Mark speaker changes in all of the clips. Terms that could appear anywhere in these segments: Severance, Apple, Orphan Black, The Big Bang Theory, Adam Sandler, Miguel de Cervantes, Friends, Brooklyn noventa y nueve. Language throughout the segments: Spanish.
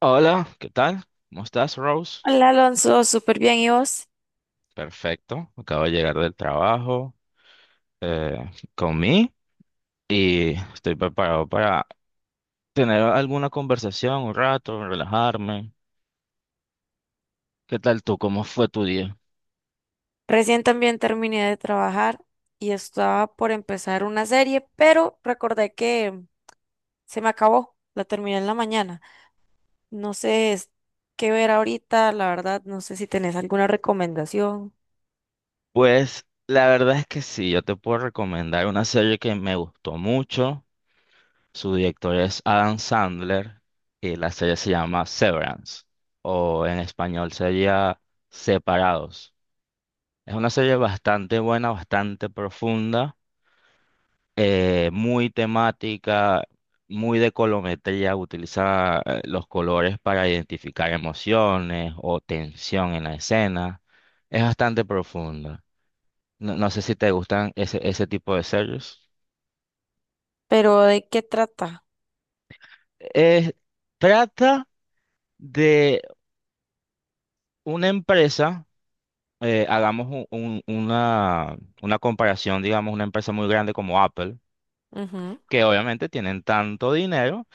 Speaker 1: Hola, ¿qué tal? ¿Cómo estás, Rose?
Speaker 2: Hola Alonso, súper bien. ¿Y vos?
Speaker 1: Perfecto, acabo de llegar del trabajo, comí y estoy preparado para tener alguna conversación, un rato, relajarme. ¿Qué tal tú? ¿Cómo fue tu día?
Speaker 2: Recién también terminé de trabajar y estaba por empezar una serie, pero recordé que se me acabó. La terminé en la mañana. No sé qué ver ahorita, la verdad, no sé si tenés alguna recomendación,
Speaker 1: Pues la verdad es que sí, yo te puedo recomendar una serie que me gustó mucho. Su director es Adam Sandler y la serie se llama Severance o en español sería Separados. Es una serie bastante buena, bastante profunda, muy temática, muy de colometría, utiliza los colores para identificar emociones o tensión en la escena. Es bastante profunda. No, no sé si te gustan ese tipo de series.
Speaker 2: pero ¿de qué trata?
Speaker 1: Es Trata de una empresa, hagamos una comparación, digamos, una empresa muy grande como Apple,
Speaker 2: Ujú.
Speaker 1: que obviamente tienen tanto dinero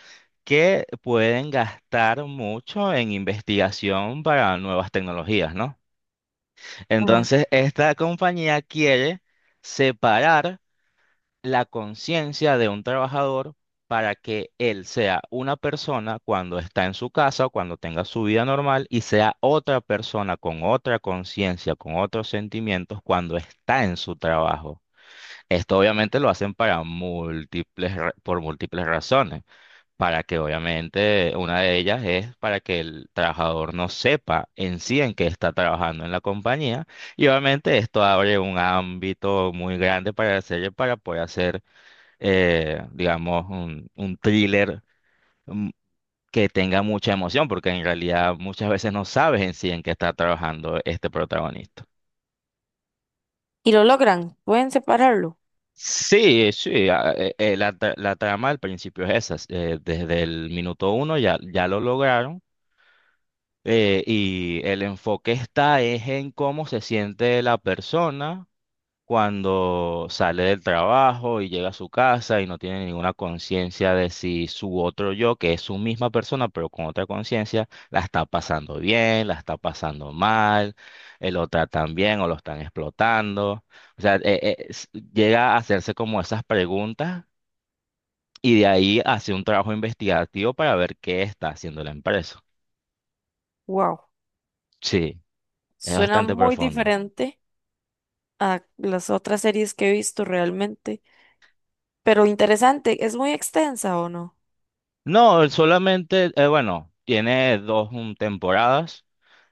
Speaker 1: que pueden gastar mucho en investigación para nuevas tecnologías, ¿no?
Speaker 2: Ajá.
Speaker 1: Entonces, esta compañía quiere separar la conciencia de un trabajador para que él sea una persona cuando está en su casa o cuando tenga su vida normal y sea otra persona con otra conciencia, con otros sentimientos cuando está en su trabajo. Esto obviamente lo hacen para por múltiples razones para que obviamente una de ellas es para que el trabajador no sepa en sí en qué está trabajando en la compañía y obviamente esto abre un ámbito muy grande para la serie para poder hacer, digamos, un thriller mm, que tenga mucha emoción porque en realidad muchas veces no sabes en sí en qué está trabajando este protagonista.
Speaker 2: Y lo logran, pueden separarlo.
Speaker 1: Sí, sí, la trama al principio es esa. Desde el minuto uno ya lo lograron. Y el enfoque está es en cómo se siente la persona cuando sale del trabajo y llega a su casa y no tiene ninguna conciencia de si su otro yo, que es su misma persona, pero con otra conciencia, la está pasando bien, la está pasando mal, lo tratan bien o lo están explotando. O sea, llega a hacerse como esas preguntas y de ahí hace un trabajo investigativo para ver qué está haciendo la empresa.
Speaker 2: Wow,
Speaker 1: Sí, es
Speaker 2: suena
Speaker 1: bastante
Speaker 2: muy
Speaker 1: profundo.
Speaker 2: diferente a las otras series que he visto realmente, pero interesante. ¿Es muy extensa o no?
Speaker 1: No, él solamente, bueno, tiene dos temporadas.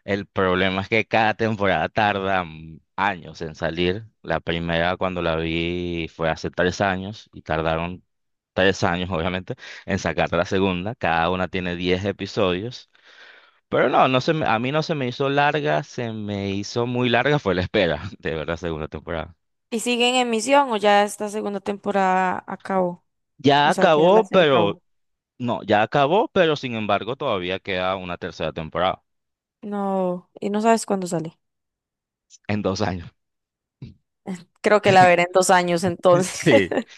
Speaker 1: El problema es que cada temporada tarda años en salir. La primera cuando la vi fue hace 3 años y tardaron 3 años, obviamente, en sacar la segunda. Cada una tiene diez episodios. Pero no, a mí no se me hizo larga, se me hizo muy larga, fue la espera de ver la segunda temporada.
Speaker 2: ¿Y sigue en emisión o ya esta segunda temporada acabó?
Speaker 1: Ya
Speaker 2: O sea, ya la
Speaker 1: acabó,
Speaker 2: serie
Speaker 1: pero
Speaker 2: acabó.
Speaker 1: no, ya acabó, pero sin embargo todavía queda una tercera temporada
Speaker 2: No, y no sabes cuándo sale.
Speaker 1: en 2 años.
Speaker 2: Creo que la veré en dos años entonces.
Speaker 1: Sí,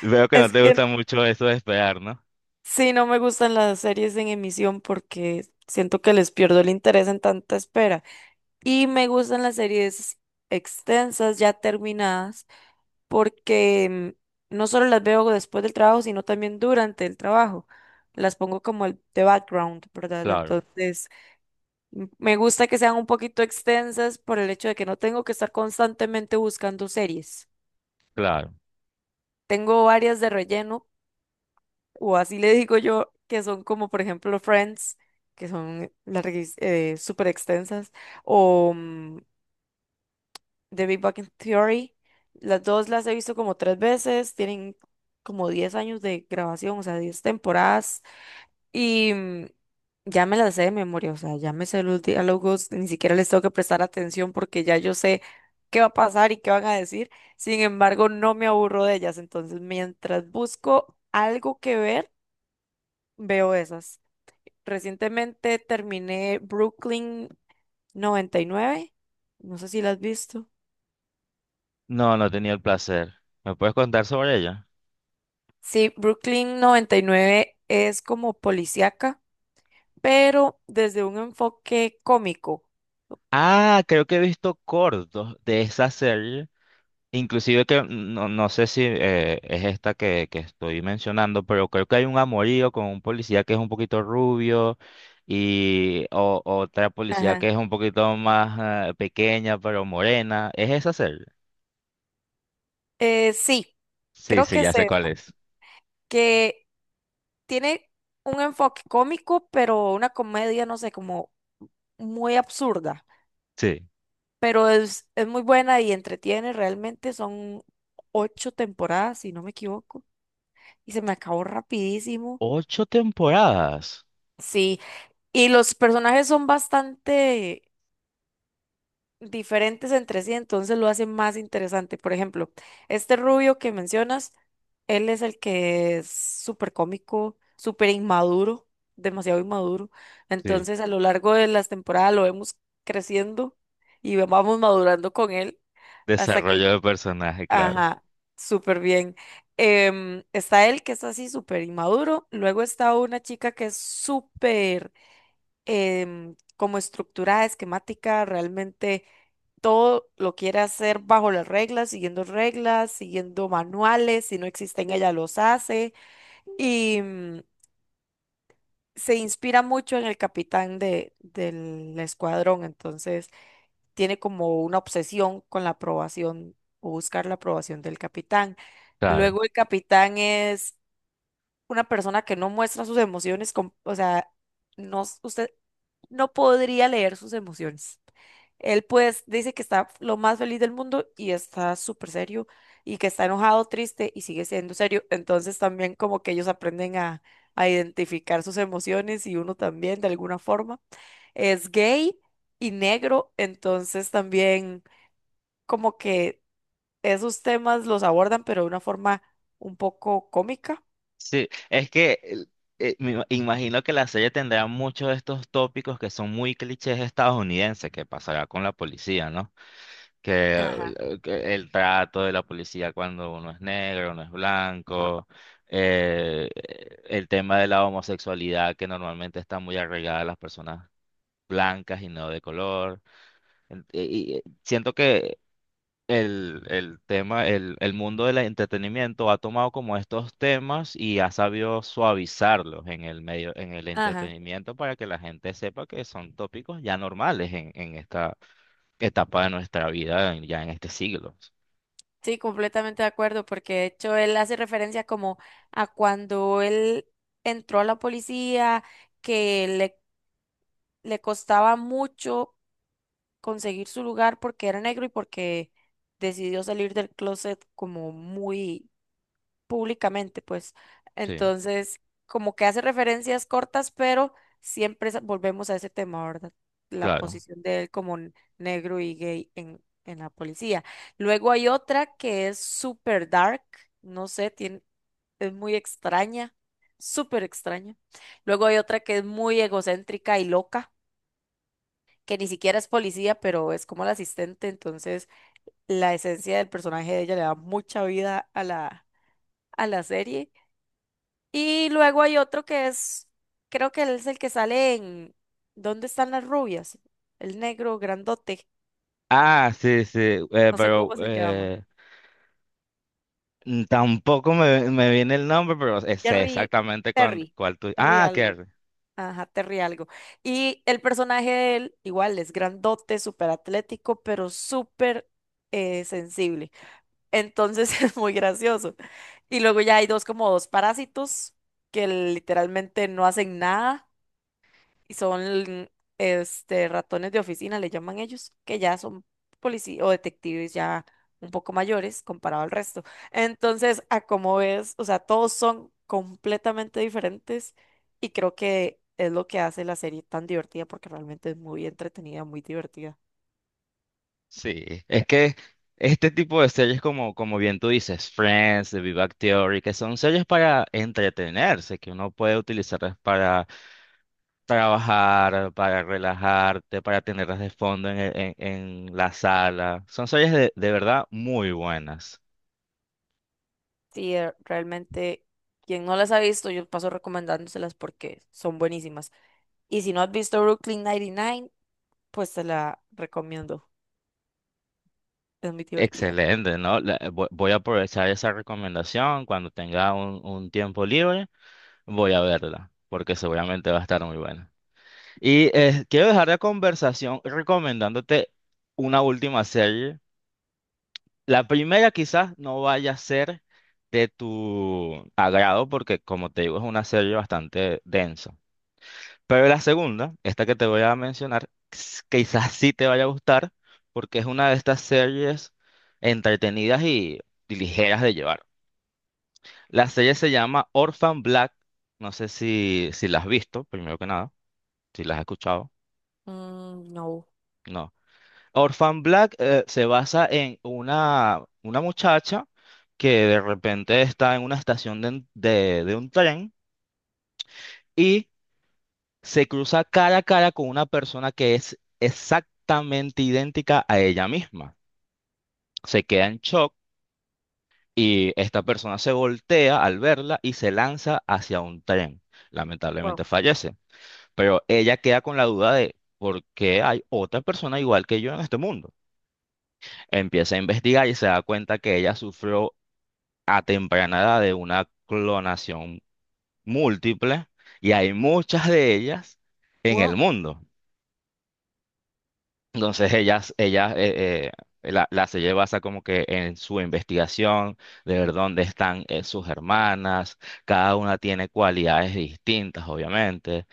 Speaker 1: veo que no
Speaker 2: Es
Speaker 1: te gusta
Speaker 2: que
Speaker 1: mucho eso de esperar, ¿no?
Speaker 2: sí, no me gustan las series en emisión porque siento que les pierdo el interés en tanta espera. Y me gustan las series extensas, ya terminadas, porque no solo las veo después del trabajo, sino también durante el trabajo. Las pongo como el de background, ¿verdad?
Speaker 1: Claro,
Speaker 2: Entonces Me gusta que sean un poquito extensas por el hecho de que no tengo que estar constantemente buscando series.
Speaker 1: claro.
Speaker 2: Tengo varias de relleno, o así le digo yo, que son como por ejemplo Friends, que son larguis, súper extensas, o The Big Bang Theory. Las dos las he visto como tres veces, tienen como 10 años de grabación, o sea, 10 temporadas. Y ya me las sé de memoria, o sea, ya me sé los diálogos, ni siquiera les tengo que prestar atención porque ya yo sé qué va a pasar y qué van a decir. Sin embargo, no me aburro de ellas, entonces mientras busco algo que ver, veo esas. Recientemente terminé Brooklyn noventa y nueve. No sé si la has visto.
Speaker 1: No, no he tenido el placer. ¿Me puedes contar sobre ella?
Speaker 2: Sí, Brooklyn noventa y nueve es como policíaca, pero desde un enfoque cómico.
Speaker 1: Ah, creo que he visto cortos de esa serie. Inclusive que no, no sé si es esta que estoy mencionando, pero creo que hay un amorío con un policía que es un poquito rubio y otra policía que
Speaker 2: Ajá.
Speaker 1: es un poquito más pequeña, pero morena. ¿Es esa serie?
Speaker 2: Sí,
Speaker 1: Sí,
Speaker 2: creo
Speaker 1: sí,
Speaker 2: que
Speaker 1: ya sé
Speaker 2: se
Speaker 1: cuál es.
Speaker 2: que tiene un enfoque cómico, pero una comedia, no sé, como muy absurda,
Speaker 1: Sí.
Speaker 2: pero es muy buena y entretiene, realmente son ocho temporadas, si no me equivoco, y se me acabó rapidísimo.
Speaker 1: Ocho temporadas.
Speaker 2: Sí, y los personajes son bastante diferentes entre sí, entonces lo hace más interesante. Por ejemplo, este rubio que mencionas, él es el que es súper cómico, súper inmaduro, demasiado inmaduro.
Speaker 1: Sí.
Speaker 2: Entonces, a lo largo de las temporadas lo vemos creciendo y vamos madurando con él hasta que,
Speaker 1: Desarrollo de personaje, claro.
Speaker 2: ajá, súper bien. Está él que es así súper inmaduro, luego está una chica que es súper como estructurada, esquemática, realmente todo lo quiere hacer bajo las reglas, siguiendo manuales, si no existen ella los hace y se inspira mucho en el capitán del escuadrón, entonces tiene como una obsesión con la aprobación o buscar la aprobación del capitán.
Speaker 1: Claro.
Speaker 2: Luego el capitán es una persona que no muestra sus emociones, o sea, no, usted no podría leer sus emociones. Él pues dice que está lo más feliz del mundo y está súper serio y que está enojado, triste y sigue siendo serio. Entonces también como que ellos aprenden a identificar sus emociones y uno también de alguna forma. Es gay y negro, entonces también como que esos temas los abordan pero de una forma un poco cómica.
Speaker 1: Sí, es que imagino que la serie tendrá muchos de estos tópicos que son muy clichés estadounidenses, que pasará con la policía, ¿no? Que,
Speaker 2: Ajá.
Speaker 1: que el trato de la policía cuando uno es negro, uno es blanco, eh, el tema de la homosexualidad que normalmente está muy arraigada a las personas blancas y no de color. Siento que el tema, el mundo del entretenimiento ha tomado como estos temas y ha sabido suavizarlos en el medio, en el
Speaker 2: Ajá.
Speaker 1: entretenimiento para que la gente sepa que son tópicos ya normales en, esta etapa de nuestra vida, ya en este siglo.
Speaker 2: Sí, completamente de acuerdo, porque de hecho él hace referencia como a cuando él entró a la policía, que le costaba mucho conseguir su lugar porque era negro y porque decidió salir del closet como muy públicamente, pues.
Speaker 1: Sí,
Speaker 2: Entonces, como que hace referencias cortas, pero siempre volvemos a ese tema, ¿verdad? La
Speaker 1: claro.
Speaker 2: posición de él como negro y gay en la policía. Luego hay otra que es super dark, no sé, tiene, es muy extraña, súper extraña. Luego hay otra que es muy egocéntrica y loca, que ni siquiera es policía, pero es como la asistente, entonces la esencia del personaje de ella le da mucha vida a la serie. Y luego hay otro que es, creo que él es el que sale en ¿Dónde están las rubias? El negro grandote,
Speaker 1: Ah, sí, sí,
Speaker 2: no sé
Speaker 1: pero
Speaker 2: cómo se llama.
Speaker 1: tampoco me viene el nombre, pero sé
Speaker 2: Terry,
Speaker 1: exactamente
Speaker 2: Terry,
Speaker 1: cuál, tú.
Speaker 2: Terry
Speaker 1: Ah,
Speaker 2: algo.
Speaker 1: que
Speaker 2: Ajá, Terry algo. Y el personaje de él, igual, es grandote, súper atlético, pero súper sensible. Entonces es muy gracioso. Y luego ya hay dos como dos parásitos que literalmente no hacen nada y son ratones de oficina, le llaman ellos, que ya son policías o detectives ya un poco mayores comparado al resto. Entonces, a como ves, o sea, todos son completamente diferentes y creo que es lo que hace la serie tan divertida porque realmente es muy entretenida, muy divertida.
Speaker 1: Sí, es que este tipo de series como bien tú dices, Friends, The Big Bang Theory, que son series para entretenerse, que uno puede utilizarlas para trabajar, para relajarte, para tenerlas de fondo en la sala. Son series de verdad muy buenas.
Speaker 2: Sí, realmente quien no las ha visto, yo paso recomendándoselas porque son buenísimas. Y si no has visto Brooklyn 99, pues te la recomiendo. Es muy divertida.
Speaker 1: Excelente, ¿no? Voy a aprovechar esa recomendación cuando tenga un tiempo libre, voy a verla, porque seguramente va a estar muy buena. Y quiero dejar la conversación recomendándote una última serie. La primera quizás no vaya a ser de tu agrado porque, como te digo, es una serie bastante densa. Pero la segunda, esta que te voy a mencionar, quizás sí te vaya a gustar porque es una de estas series entretenidas y ligeras de llevar. La serie se llama Orphan Black. No sé si la has visto, primero que nada, si la has escuchado.
Speaker 2: Mm, no.
Speaker 1: No. Orphan Black se basa en una muchacha que de repente está en una estación de un tren y se cruza cara a cara con una persona que es exactamente idéntica a ella misma. Se queda en shock y esta persona se voltea al verla y se lanza hacia un tren.
Speaker 2: Wow,
Speaker 1: Lamentablemente fallece, pero ella queda con la duda de por qué hay otra persona igual que yo en este mundo. Empieza a investigar y se da cuenta que ella sufrió a temprana edad de una clonación múltiple y hay muchas de ellas en el
Speaker 2: wow.
Speaker 1: mundo. Entonces ellas la se lleva hasta como que en su investigación de ver dónde están sus hermanas, cada una tiene cualidades distintas, obviamente.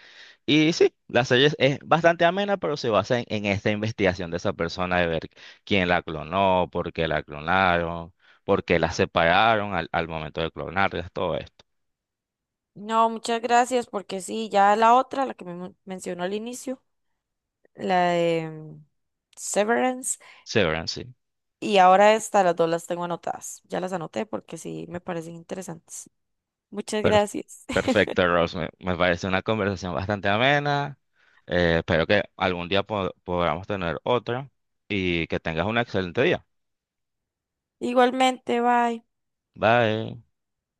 Speaker 1: Y sí, la serie es bastante amena, pero se basa en esta investigación de esa persona de ver quién la clonó, por qué la clonaron, por qué la separaron al momento de clonarlas, todo esto.
Speaker 2: No, muchas gracias, porque sí, ya la otra, la que me mencionó al inicio, la de Severance,
Speaker 1: Severance, sí.
Speaker 2: y ahora esta, las dos las tengo anotadas. Ya las anoté porque sí me parecen interesantes. Muchas
Speaker 1: Per-
Speaker 2: gracias.
Speaker 1: Perfecto, Rose. Me parece una conversación bastante amena. Espero que algún día podamos tener otra y que tengas un excelente día.
Speaker 2: Igualmente, bye.
Speaker 1: Bye.